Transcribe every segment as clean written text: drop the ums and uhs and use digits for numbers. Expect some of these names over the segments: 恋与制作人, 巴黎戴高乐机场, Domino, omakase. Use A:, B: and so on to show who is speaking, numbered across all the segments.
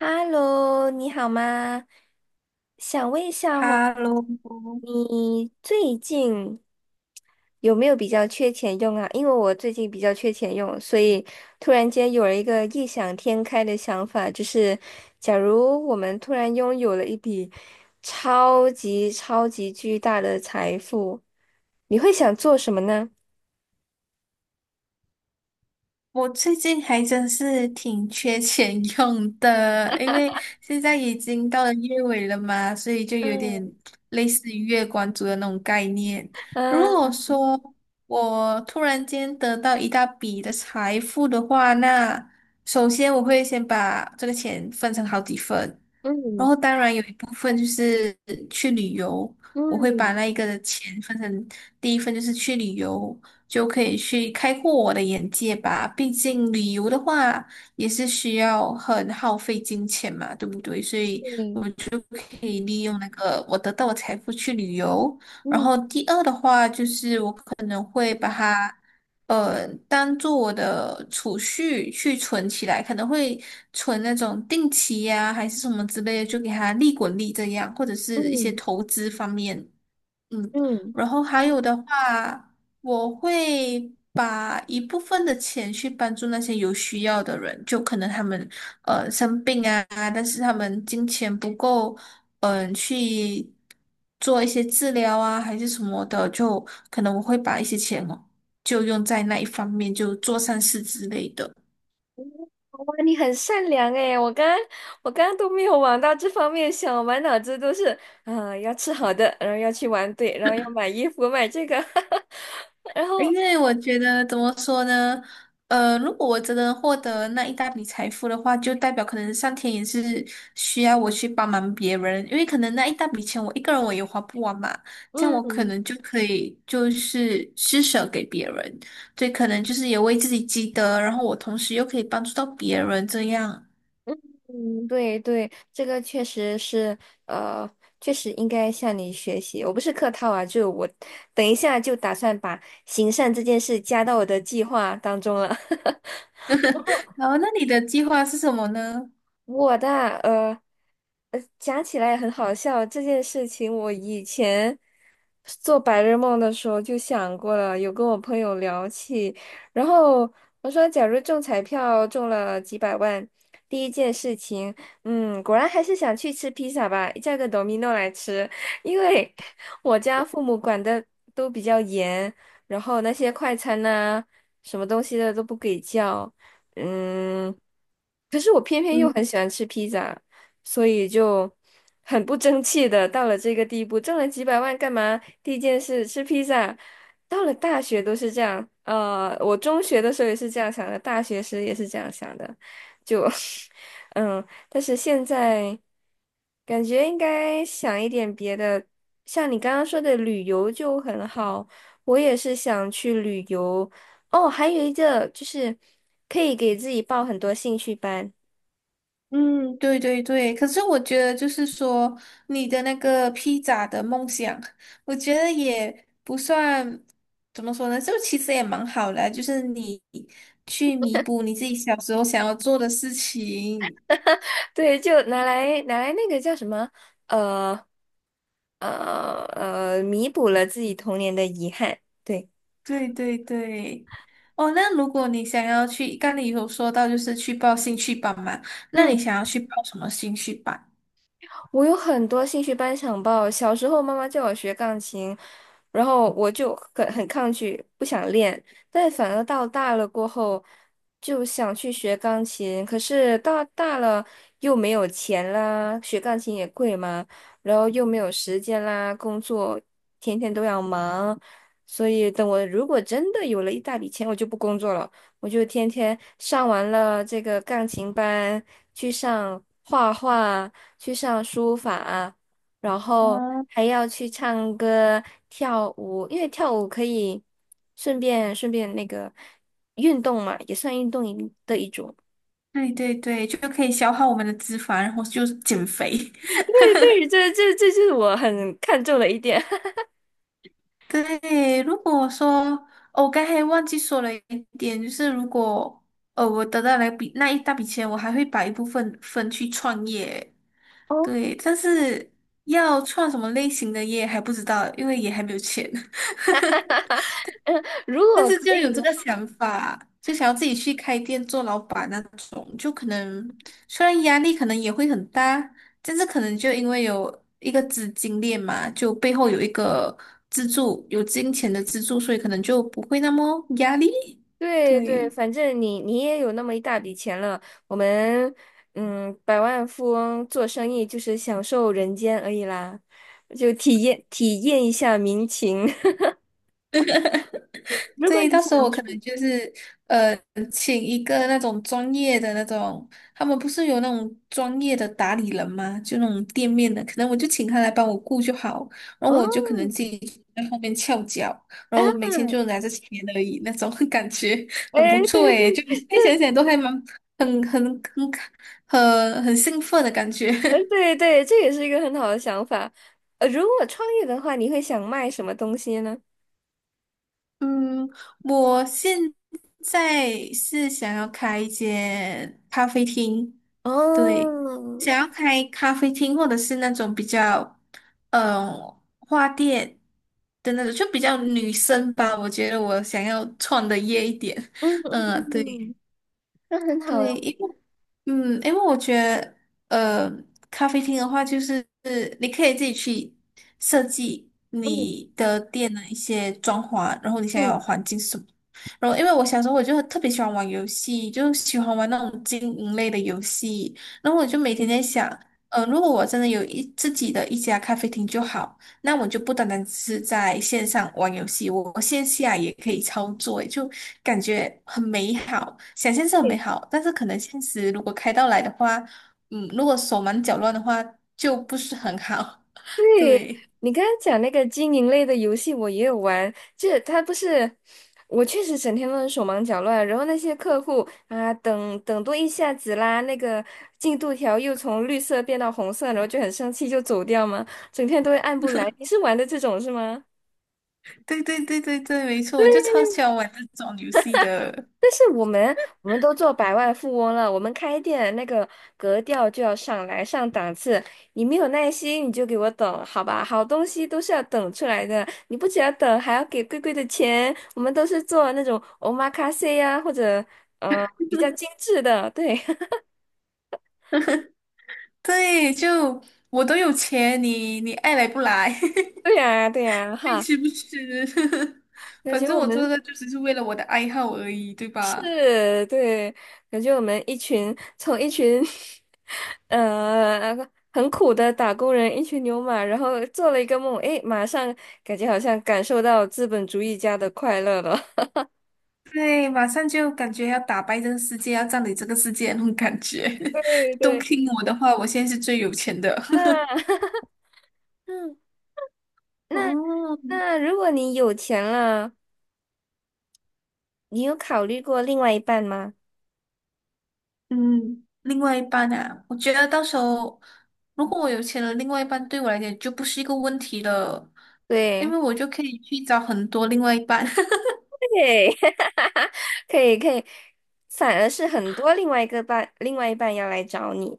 A: Hello，你好吗？想问一下哦，
B: 哈喽，
A: 你最近有没有比较缺钱用啊？因为我最近比较缺钱用，所以突然间有了一个异想天开的想法，就是假如我们突然拥有了一笔超级超级巨大的财富，你会想做什么呢？
B: 我最近还真是挺缺钱用的，因为现在已经到了月尾了嘛，所以就有点
A: 嗯
B: 类似于月光族的那种概念。如果
A: 嗯
B: 说我突然间得到一大笔的财富的话，那首先我会先把这个钱分成好几份，然
A: 嗯
B: 后当然有一部分就是去旅游，我会把
A: 嗯
B: 那一个的钱分成第一份就是去旅游。就可以去开阔我的眼界吧。毕竟旅游的话也是需要很耗费金钱嘛，对不对？所以
A: 嗯
B: 就可以利用那个我得到的财富去旅游。然
A: 嗯
B: 后第二的话就是我当做我的储蓄去存起来，可能会存那种定期呀、还是什么之类的，就给它利滚利这样，或者是一些
A: 嗯。
B: 投资方面。嗯，
A: 嗯
B: 然后还有的话，我会把一部分的钱去帮助那些有需要的人，就可能他们生病啊，但是他们金钱不够，嗯、去做一些治疗啊，还是什么的，就可能我会把一些钱哦，就用在那一方面，就做善事之类的。
A: 哇，你很善良诶，我刚刚都没有往到这方面想，我满脑子都是，啊，要吃好的，然后要去玩对，然后要买衣服，买这个，然后，
B: 因为我觉得怎么说呢？如果我真的获得那一大笔财富的话，就代表可能上天也是需要我去帮忙别人，因为可能那一大笔钱我一个人我也花不完嘛，这样我可
A: 嗯
B: 能就可以就是施舍给别人，所以可能就是也为自己积德，然后我同时又可以帮助到别人这样。
A: 嗯嗯，对对，这个确实是，呃，确实应该向你学习。我不是客套啊，就我等一下就打算把行善这件事加到我的计划当中了。
B: 然后那你的计划是什么呢？
A: 我的啊，讲起来也很好笑。这件事情我以前做白日梦的时候就想过了，有跟我朋友聊起。然后我说，假如中彩票中了几百万，第一件事情，嗯，果然还是想去吃披萨吧，叫个 Domino 来吃，因为我家父母管的都比较严，然后那些快餐呐、什么东西的都不给叫。嗯，可是我偏偏又很喜欢吃披萨，所以就很不争气的到了这个地步，挣了几百万干嘛？第一件事吃披萨，到了大学都是这样，我中学的时候也是这样想的，大学时也是这样想的，就 嗯，但是现在感觉应该想一点别的，像你刚刚说的旅游就很好，我也是想去旅游。哦，还有一个就是可以给自己报很多兴趣班，
B: 嗯，对对对，可是我觉得就是说，你的那个披萨的梦想，我觉得也不算怎么说呢，就其实也蛮好的啊就是你去弥补你自己小时候想要做的事情。
A: 对，就拿来那个叫什么，呃呃，弥补了自己童年的遗憾。对。
B: 对对对，哦，那如果你想要去，刚你有说到就是去报兴趣班嘛，那
A: 嗯。
B: 你想要去报什么兴趣班？
A: 我有很多兴趣班想报。小时候妈妈叫我学钢琴，然后我就很抗拒，不想练。但反而到大了过后，就想去学钢琴。可是到大了又没有钱啦，学钢琴也贵嘛，然后又没有时间啦，工作天天都要忙。所以等我如果真的有了一大笔钱，我就不工作了。我就天天上完了这个钢琴班，去上画画，去上书法啊，然后
B: 哦，
A: 还要去唱歌、跳舞，因为跳舞可以顺便那个运动嘛，也算运动一的一种。
B: 对对对，就可以消耗我们的脂肪，然后就是减肥。
A: 对对，这是我很看重的一点。
B: 对，如果说，哦我刚才忘记说了一点，就是如果我得到那一大笔钱，我还会把一部分分去创业。
A: 哦，
B: 对，但是要创什么类型的业还不知道，因为也还没有钱。
A: 嗯，如
B: 但
A: 果
B: 是
A: 可
B: 就
A: 以
B: 有
A: 的
B: 这个
A: 话，
B: 想法，就想要自己去开店做老板那种，就可能虽然压力可能也会很大，但是可能就因为有一个资金链嘛，就背后有一个资助，有金钱的资助，所以可能就不会那么压力。
A: 对对，
B: 对。
A: 反正你也有那么一大笔钱了，我们嗯，百万富翁做生意就是享受人间而已啦，就体验体验一下民情。如果
B: 对，
A: 你
B: 到时候
A: 想
B: 我可
A: 出。
B: 能就是呃，请一个那种专业的那种，他们不是有那种专业的打理人吗？就那种店面的，可能我就请他来帮我顾就好，然后我就
A: 哦。
B: 可能自己在后面翘脚，然后我
A: 啊，
B: 每天就拿着钱而已，那种 感觉很不
A: 哎，
B: 错
A: 对对，
B: 诶，就现在想想都还蛮很很很很兴奋的感觉。
A: 对对，这也是一个很好的想法。如果创业的话，你会想卖什么东西呢？
B: 嗯，我现在是想要开一间咖啡厅，对，
A: 哦，
B: 想要开咖啡厅或者是那种比较，嗯、花店的那种，就比较女生吧。我觉得我想要创的业一点，
A: 嗯
B: 嗯，对。
A: 嗯，那很好
B: 对，
A: 哟。
B: 因为嗯，因为我觉得呃，咖啡厅的话，就是你可以自己去设计
A: 嗯
B: 你的店的一些装潢，然后你想要
A: 嗯
B: 的环境是什么。然后，因为我小时候我就特别喜欢玩游戏，就喜欢玩那种经营类的游戏。然后我就每天
A: 嗯，
B: 在想，如果我真的自己的一家咖啡厅就好。那我就不单单只是在线上玩游戏，我线下也可以操作，就感觉很美好，想象是很美
A: 对，
B: 好，但是可能现实如果开到来的话，嗯，如果手忙脚乱的话，就不是很好。对，
A: 你刚刚讲那个经营类的游戏，我也有玩。这它不是，我确实整天都是手忙脚乱，然后那些客户啊，等等多一下子啦，那个进度条又从绿色变到红色，然后就很生气就走掉嘛，整天都会按不来。你是玩的这种是吗？
B: 对对对对对，没错，我就超喜欢玩这种游戏的。
A: 但是我们都做百万富翁了，我们开店那个格调就要上来上档次。你没有耐心，你就给我等，好吧？好东西都是要等出来的，你不只要等，还要给贵贵的钱。我们都是做那种 omakase 呀、或者比较精致的，对
B: 对，就我都有钱，你爱来不来，
A: 对呀、对呀、
B: 爱
A: 哈。
B: 吃不吃，
A: 感
B: 反
A: 觉
B: 正
A: 我
B: 我做
A: 们
B: 的就只是为了我的爱好而已，对吧？
A: 是，对，感觉我们一群 呃很苦的打工人，一群牛马，然后做了一个梦，诶，马上感觉好像感受到资本主义家的快乐了。
B: 对，马上就感觉要打败这个世界，要占领这个世界那种感觉。
A: 对
B: 都
A: 对，
B: 听我的话，我现在是最有钱的。
A: 啊，嗯，那
B: 哦，
A: 那如果你有钱了，你有考虑过另外一半吗？
B: 嗯，另外一半啊，我觉得到时候如果我有钱了，另外一半对我来讲就不是一个问题了，因
A: 对，
B: 为我就可以去找很多另外一半。
A: 对，可以可以，反而是很多另外一个伴，另外一半要来找你。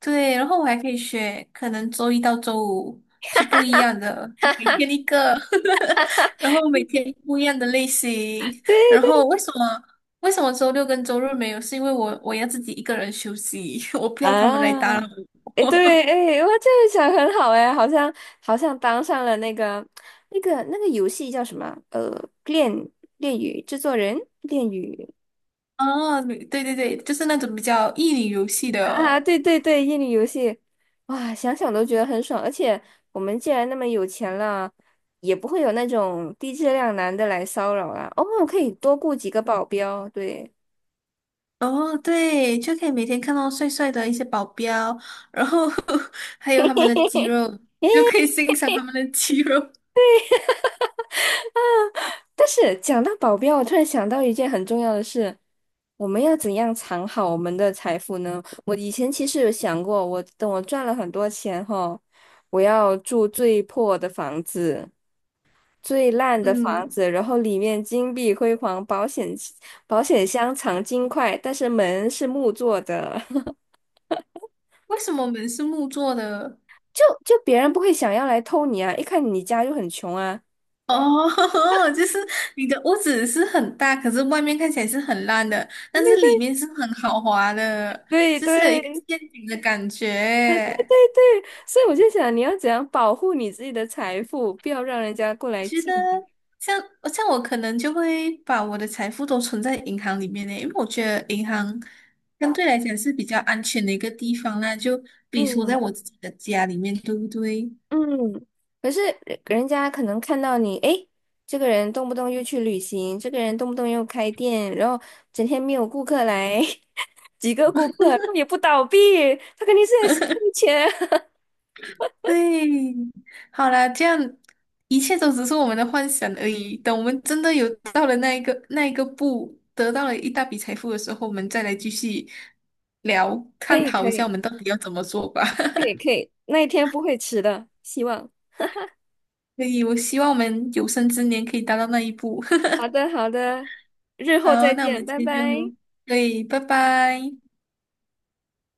B: 对，然后我还可以学，可能周一到周五是不一样的，每天一个，然后每天不一样的类型。
A: 对
B: 然后
A: 对
B: 为什么周六跟周日没有？是因为我要自己一个人休息，我不要他们来
A: 啊。
B: 打扰
A: 哎，
B: 我。
A: 对，哎，我这个想很好，哎，好像好像当上了那个那个游戏叫什么？恋恋与制作人，恋与
B: 哦，对对对，就是那种比较益女游戏
A: 啊，啊
B: 的。
A: 对对对，恋与游戏，哇，想想都觉得很爽。而且我们既然那么有钱了，也不会有那种低质量男的来骚扰啦。哦，可以多雇几个保镖，对。
B: 哦，对，就可以每天看到帅帅的一些保镖，然后 还有他们的肌肉，就可以欣赏他们的肌肉。
A: 但是讲到保镖，我突然想到一件很重要的事，我们要怎样藏好我们的财富呢？我以前其实有想过，我等我赚了很多钱后，我要住最破的房子、最烂的房
B: 嗯，
A: 子，然后里面金碧辉煌，保险箱藏金块，但是门是木做的，
B: 为什么门是木做的？
A: 就别人不会想要来偷你啊，一看你家就很穷啊。
B: 哦，就是你的屋子是很大，可是外面看起来是很烂的，但是里面是很豪华的，
A: 对
B: 就
A: 对
B: 是有一个
A: 对
B: 陷阱的感觉。
A: 所以我就想，你要怎样保护你自己的财富，不要让人家过
B: 我
A: 来
B: 觉
A: 觊
B: 得
A: 觎。
B: 像像我可能就会把我的财富都存在银行里面呢，因为我觉得银行相对来讲是比较安全的一个地方啦，就比如说
A: 嗯
B: 在我自己的家里面，对不对？
A: 嗯，可是人家可能看到你，诶，这个人动不动又去旅行，这个人动不动又开店，然后整天没有顾客来，几个顾客，他也不倒闭，他肯定是在吸钱。
B: 对，好啦，这样一切都只是我们的幻想而已。等我们真的有到了那一个步，得到了一大笔财富的时候，我们再来继续聊，
A: 可
B: 探
A: 以，
B: 讨
A: 可
B: 一下我
A: 以，
B: 们到底要怎么做吧。
A: 可 以，可以，那一天不会迟的，希望。
B: 所以，我希望我们有生之年可以达到那一步。
A: 好的，好的，日后
B: 好，
A: 再
B: 那我
A: 见，
B: 们今
A: 拜
B: 天
A: 拜。
B: 就，对，拜拜。